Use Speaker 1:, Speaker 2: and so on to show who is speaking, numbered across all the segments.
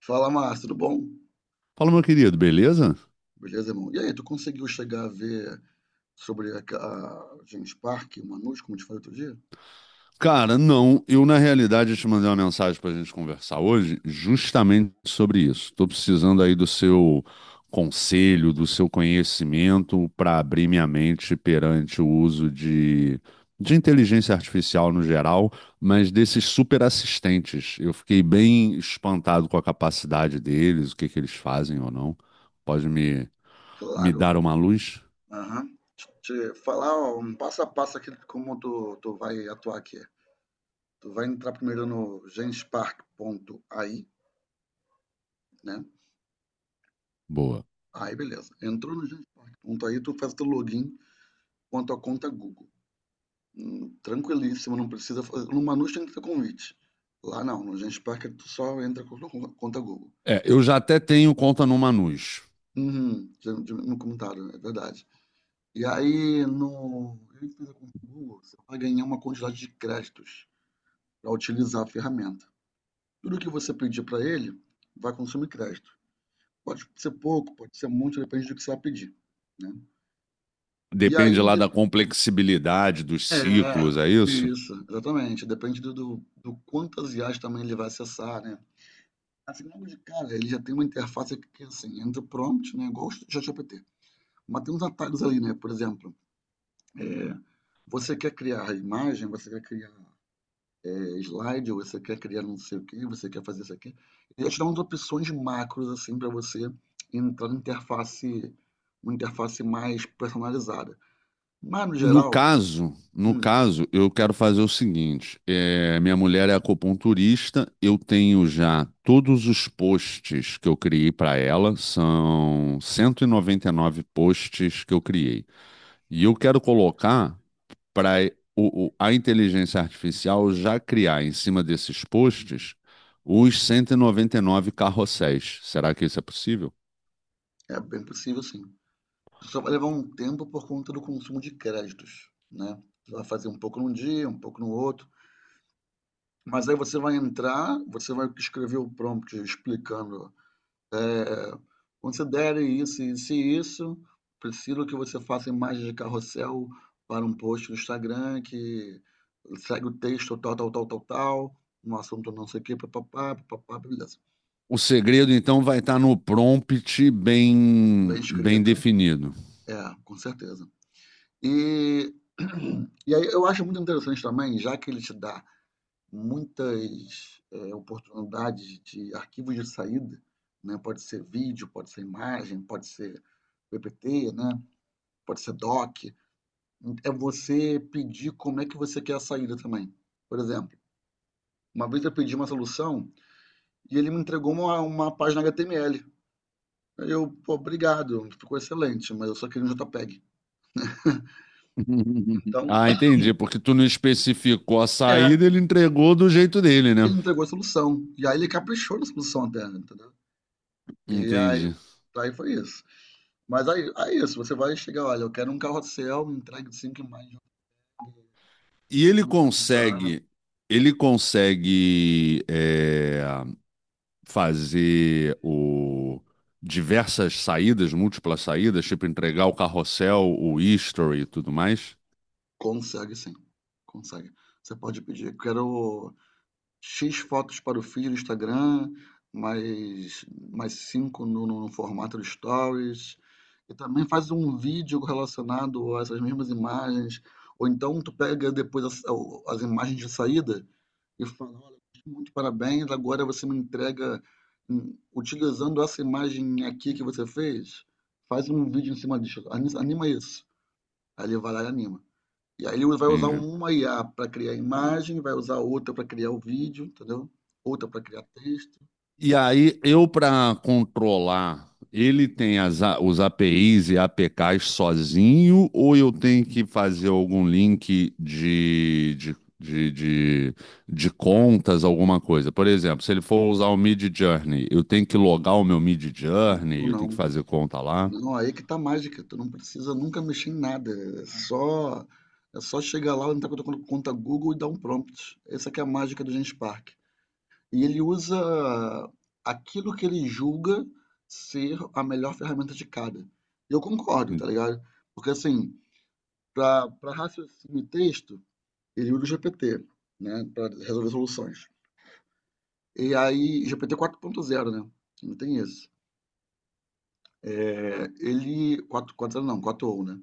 Speaker 1: Fala, Márcio, tudo bom?
Speaker 2: Fala, meu querido, beleza?
Speaker 1: Beleza, irmão? E aí, tu conseguiu chegar a ver sobre a James Park, o Manus, como eu te falei outro dia?
Speaker 2: Cara, não, eu na realidade te mandei uma mensagem pra gente conversar hoje justamente sobre isso. Tô precisando aí do seu conselho, do seu conhecimento para abrir minha mente perante o uso de inteligência artificial no geral, mas desses super assistentes. Eu fiquei bem espantado com a capacidade deles, o que que eles fazem ou não. Pode me
Speaker 1: Claro.
Speaker 2: dar uma luz?
Speaker 1: Aham. Te falar ó, um passo a passo aqui de como tu vai atuar aqui. Tu vai entrar primeiro no genspark.ai, né?
Speaker 2: Boa.
Speaker 1: Aí, beleza. Entrou no genspark.ai, tu faz o teu login com a tua conta Google. Tranquilíssimo, não precisa fazer. No Manus tem que ter convite. Lá não, no Genspark tu só entra com a tua conta Google.
Speaker 2: É, eu já até tenho conta no Manus.
Speaker 1: Uhum, já já me comentaram, é verdade. E aí no ele fez a conta no Google, você vai ganhar uma quantidade de créditos para utilizar a ferramenta. Tudo que você pedir para ele vai consumir crédito. Pode ser pouco, pode ser muito, depende do que você vai pedir, né. E aí
Speaker 2: Depende lá
Speaker 1: ele
Speaker 2: da complexibilidade
Speaker 1: é,
Speaker 2: dos ciclos, é isso?
Speaker 1: isso, exatamente, depende do quantas IAs também ele vai acessar, né. Assim, logo de cara ele já tem uma interface que assim, entra o prompt, né, igual o ChatGPT, mas tem uns atalhos ali, né, por exemplo, É, você quer criar imagem, você quer criar slide, você quer criar não sei o quê, você quer fazer isso aqui. Ele te dá umas opções macros assim para você entrar na interface, uma interface mais personalizada. Mas no
Speaker 2: No
Speaker 1: geral,
Speaker 2: caso, no
Speaker 1: hum,
Speaker 2: caso, eu quero fazer o seguinte: é, minha mulher é acupunturista, eu tenho já todos os posts que eu criei para ela, são cento e noventa e nove posts que eu criei. E eu quero colocar para a inteligência artificial já criar em cima desses posts os cento e noventa e nove carrosséis. Será que isso é possível?
Speaker 1: é bem possível sim. Só vai levar um tempo por conta do consumo de créditos, né? Você vai fazer um pouco num dia, um pouco no outro. Mas aí você vai entrar, você vai escrever o prompt explicando eh, considere isso, isso e isso. Preciso que você faça imagens de carrossel para um post do Instagram que segue o texto tal, tal, tal, tal, tal, um assunto não sei o que, papapá, papapá, beleza.
Speaker 2: O segredo, então, vai estar no prompt bem,
Speaker 1: Bem
Speaker 2: bem
Speaker 1: escrito.
Speaker 2: definido.
Speaker 1: É, com certeza. E, e aí eu acho muito interessante também, já que ele te dá muitas oportunidades de arquivos de saída, né? Pode ser vídeo, pode ser imagem, pode ser PPT, né? Pode ser doc. É você pedir como é que você quer a saída também. Por exemplo, uma vez eu pedi uma solução e ele me entregou uma página HTML. Aí eu, pô, obrigado, ficou excelente, mas eu só queria um JPEG. Então,
Speaker 2: Ah, entendi. Porque tu não especificou a
Speaker 1: é,
Speaker 2: saída, ele entregou do jeito dele, né?
Speaker 1: ele entregou a solução. E aí ele caprichou na solução até, entendeu? E aí,
Speaker 2: Entendi.
Speaker 1: aí foi isso. Mas aí, é isso, você vai chegar, olha, eu quero um carrossel, me entregue de cinco imagens.
Speaker 2: E ele
Speaker 1: Consegue,
Speaker 2: consegue, ele consegue é, fazer o diversas saídas, múltiplas saídas, tipo entregar o carrossel, o history e tudo mais.
Speaker 1: consegue sim, consegue. Você pode pedir, eu quero X fotos para o feed do Instagram, mais mais 5 no formato do Stories, e também faz um vídeo relacionado a essas mesmas imagens, ou então tu pega depois as imagens de saída e fala: "Olha, muito parabéns, agora você me entrega, utilizando essa imagem aqui que você fez, faz um vídeo em cima disso, anima isso". Aí ele vai lá e anima. E aí ele vai usar
Speaker 2: Entendi.
Speaker 1: uma IA para criar imagem, vai usar outra para criar o vídeo, entendeu? Outra para criar texto,
Speaker 2: E aí, eu para controlar, ele tem as os APIs e APKs sozinho, ou eu tenho que fazer algum link de, de contas, alguma coisa? Por exemplo, se ele for usar o Mid Journey, eu tenho que logar o meu Mid Journey,
Speaker 1: ou
Speaker 2: eu tenho que
Speaker 1: não.
Speaker 2: fazer conta lá.
Speaker 1: Não, aí que tá a mágica, tu não precisa nunca mexer em nada, é só chegar lá, entrar com a conta Google e dar um prompt. Essa que é a mágica do Genspark. E ele usa aquilo que ele julga ser a melhor ferramenta de cada. Eu concordo, tá ligado? Porque assim, para raciocínio e texto, ele usa o GPT, né, para resolver soluções. E aí GPT zero né, não tem isso. Ele quatro quatro não, quatro ou né.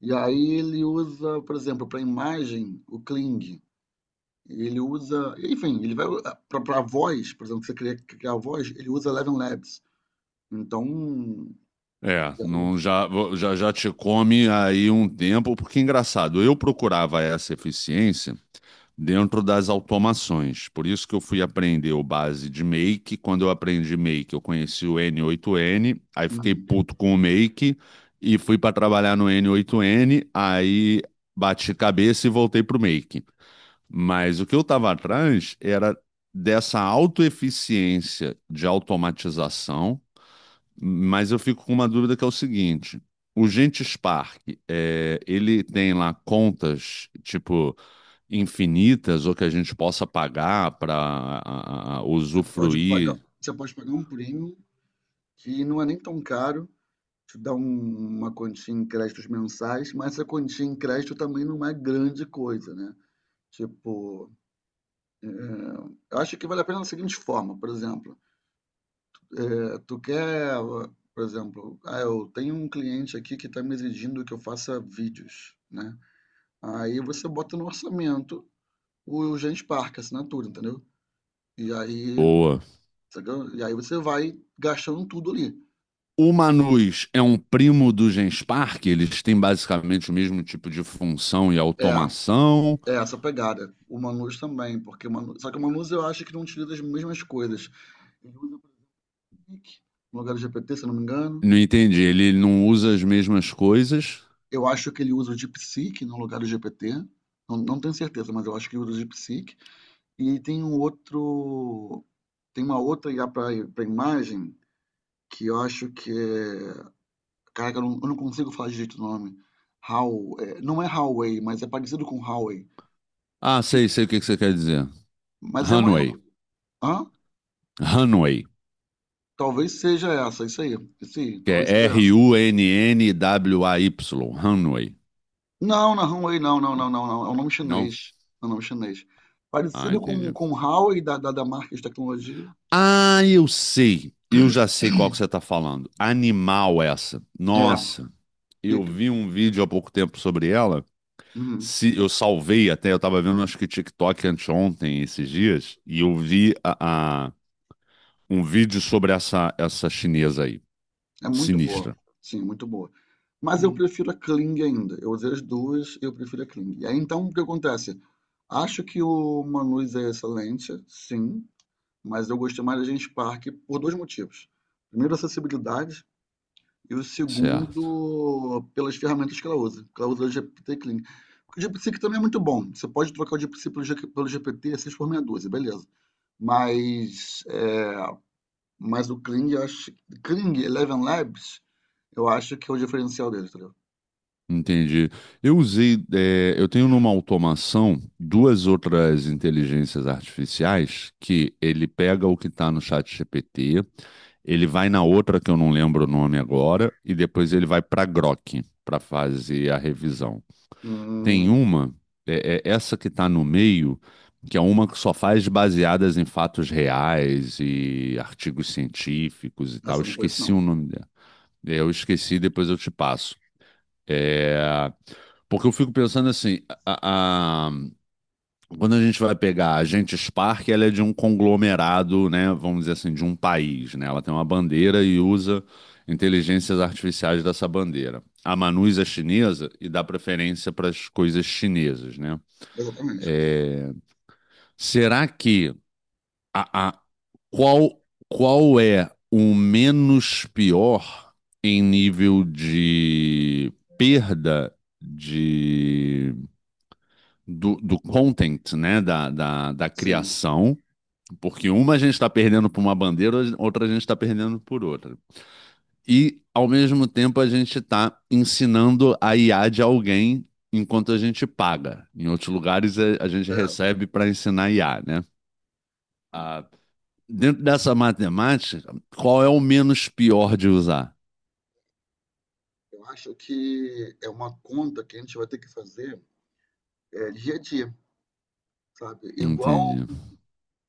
Speaker 1: E aí ele usa, por exemplo, para imagem o Kling, ele usa enfim, ele vai para voz, por exemplo, que você queria criar a voz, ele usa Eleven Labs. Então,
Speaker 2: É, não, já te come aí um tempo, porque é engraçado, eu procurava essa eficiência dentro das automações. Por isso que eu fui aprender o base de Make. Quando eu aprendi Make, eu conheci o N8N, aí fiquei puto com o Make e fui para trabalhar no N8N, aí bati cabeça e voltei pro Make. Mas o que eu estava atrás era dessa autoeficiência de automatização, mas eu fico com uma dúvida que é o seguinte: o Gente Spark, é, ele tem lá contas, tipo, infinitas ou que a gente possa pagar para
Speaker 1: você pode pagar
Speaker 2: usufruir?
Speaker 1: você pode pagar um prêmio que não é nem tão caro, te dá uma quantia em créditos mensais, mas essa quantia em crédito também não é grande coisa, né. Tipo eu acho que vale a pena da seguinte forma, por exemplo, tu quer, por exemplo, ah, eu tenho um cliente aqui que está me exigindo que eu faça vídeos, né? Aí você bota no orçamento o Genspark, a assinatura, entendeu? E aí,
Speaker 2: Boa.
Speaker 1: sacou? E aí você vai gastando tudo ali.
Speaker 2: O Manus é um primo do Genspark? Eles têm basicamente o mesmo tipo de função e
Speaker 1: É,
Speaker 2: automação?
Speaker 1: é, essa pegada. O Manus também, porque o Manus, só que o Manus eu acho que não utiliza as mesmas coisas. Ele usa o Click, no lugar do GPT, se eu não me engano.
Speaker 2: Não entendi. Ele não usa as mesmas coisas?
Speaker 1: Eu acho que ele usa o DeepSeek no lugar do GPT. Não, não tenho certeza, mas eu acho que ele usa o DeepSeek. E tem um outro. Tem uma outra IA para imagem que eu acho que é. Caraca, eu não consigo falar direito o nome. Não é Huawei, mas é parecido com Huawei.
Speaker 2: Ah, sei, sei o que que você quer dizer.
Speaker 1: Mas é uma. É
Speaker 2: Runway.
Speaker 1: um, hã?
Speaker 2: Runway.
Speaker 1: Talvez seja essa, isso aí. Isso aí,
Speaker 2: Que
Speaker 1: talvez
Speaker 2: é
Speaker 1: seja essa.
Speaker 2: R-U-N-N-W-A-Y, Runway.
Speaker 1: Não, não é Huawei, não, não, não, não, não. É um nome
Speaker 2: Não?
Speaker 1: chinês. É um nome chinês.
Speaker 2: Ah,
Speaker 1: Parecido com,
Speaker 2: entendi.
Speaker 1: com Huawei da marca de tecnologia.
Speaker 2: Ah, eu sei. Eu já sei qual que você está falando. Animal essa.
Speaker 1: É,
Speaker 2: Nossa, eu
Speaker 1: pica.
Speaker 2: vi um vídeo há pouco tempo sobre ela.
Speaker 1: Uhum.
Speaker 2: Se, eu salvei até, eu estava vendo acho que TikTok anteontem, esses dias, e eu vi um vídeo sobre essa, essa chinesa aí.
Speaker 1: É muito boa.
Speaker 2: Sinistra.
Speaker 1: Sim, muito boa. Mas eu
Speaker 2: Hum,
Speaker 1: prefiro a Kling ainda. Eu usei as duas, eu prefiro a Kling. E aí então o que acontece? Acho que o Manus é excelente, sim, mas eu gostei mais da Genspark Park por dois motivos. Primeiro, a acessibilidade, e o
Speaker 2: certo.
Speaker 1: segundo, pelas ferramentas que ela usa. Que ela usa o GPT Kling. O GPT que também é muito bom. Você pode trocar o GPT pelo G- P T pelo GPT 6 por meia dúzia, beleza. Mas, é, mas, o Kling, eu acho, Kling Eleven Labs. Eu acho que é o diferencial dele, entendeu?
Speaker 2: Entendi. Eu usei, eu tenho numa automação duas outras inteligências artificiais que ele pega o que está no chat GPT, ele vai na outra que eu não lembro o nome agora, e depois ele vai para Grok para fazer a revisão. Tem
Speaker 1: Hum,
Speaker 2: uma, é essa que está no meio, que é uma que só faz baseadas em fatos reais e artigos científicos e tal.
Speaker 1: Essa
Speaker 2: Eu
Speaker 1: eu não, uhum, conheço,
Speaker 2: esqueci
Speaker 1: não.
Speaker 2: o nome dela. Eu esqueci, depois eu te passo. É. Porque eu fico pensando assim, a- a- quando a gente vai pegar a Agente Spark, ela é de um conglomerado, né, vamos dizer assim, de um país, né? Ela tem uma bandeira e usa inteligências artificiais dessa bandeira. A Manus é chinesa e dá preferência para as coisas chinesas, né?
Speaker 1: Exatamente.
Speaker 2: É, será que a, a- qual qual é o menos pior em nível de perda de do content, né? Da
Speaker 1: Sim.
Speaker 2: criação, porque uma a gente está perdendo por uma bandeira, outra a gente está perdendo por outra. E, ao mesmo tempo, a gente está ensinando a IA de alguém enquanto a gente paga. Em outros lugares, é, a, gente
Speaker 1: É,
Speaker 2: recebe para ensinar IA, né? Ah, dentro dessa matemática, qual é o menos pior de usar?
Speaker 1: eu acho que é uma conta que a gente vai ter que fazer dia a dia, sabe? Igual
Speaker 2: Entendi.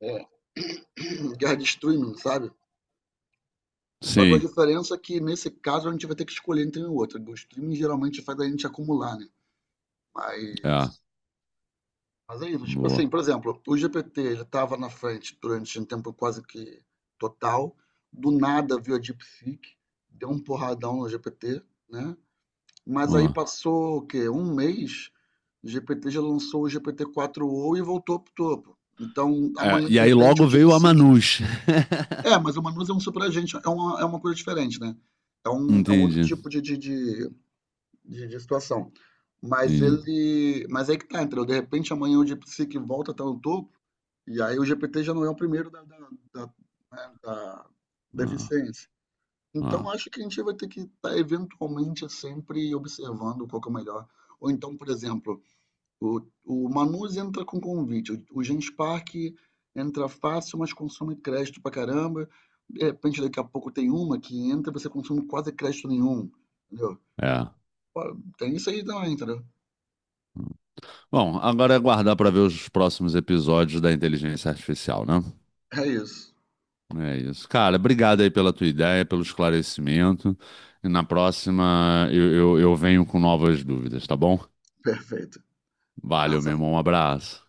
Speaker 1: é, guerra de streaming, sabe? Só que a
Speaker 2: Sim,
Speaker 1: diferença é que nesse caso a gente vai ter que escolher entre um e outro. O streaming geralmente faz a gente acumular, né?
Speaker 2: é.
Speaker 1: Mas, mas, é isso. Tipo assim,
Speaker 2: Boa.
Speaker 1: por exemplo, o GPT ele estava na frente durante um tempo quase que total. Do nada veio a DeepSeek, deu um porradão no GPT, né? Mas aí
Speaker 2: Ó.
Speaker 1: passou o quê? Um mês, o GPT já lançou o GPT-4o e voltou pro topo. Então,
Speaker 2: É,
Speaker 1: amanhã,
Speaker 2: e
Speaker 1: de
Speaker 2: aí
Speaker 1: repente, o
Speaker 2: logo veio a
Speaker 1: DeepSeek.
Speaker 2: Manus.
Speaker 1: É, mas o Manus é um superagente, é uma coisa diferente, né? É um, é um outro
Speaker 2: Entendi,
Speaker 1: tipo de situação. Mas
Speaker 2: entendi.
Speaker 1: ele. Mas aí que tá, entendeu? De repente, amanhã o DeepSeek volta a estar no topo, e aí o GPT já não é o primeiro da, né, da
Speaker 2: Ah,
Speaker 1: deficiência. Então,
Speaker 2: ah,
Speaker 1: acho que a gente vai ter que estar eventualmente sempre observando qual que é o melhor. Ou então, por exemplo, o Manus entra com convite, o Gens Park entra fácil, mas consome crédito pra caramba. De repente, daqui a pouco tem uma que entra e você consome quase crédito nenhum, entendeu?
Speaker 2: é.
Speaker 1: Pô, tem isso aí também, entendeu?
Speaker 2: Bom, agora é aguardar para ver os próximos episódios da inteligência artificial, né?
Speaker 1: É isso.
Speaker 2: É isso. Cara, obrigado aí pela tua ideia, pelo esclarecimento. E na próxima eu venho com novas dúvidas, tá bom?
Speaker 1: Perfeito.
Speaker 2: Valeu, meu
Speaker 1: Graças
Speaker 2: irmão. Um abraço.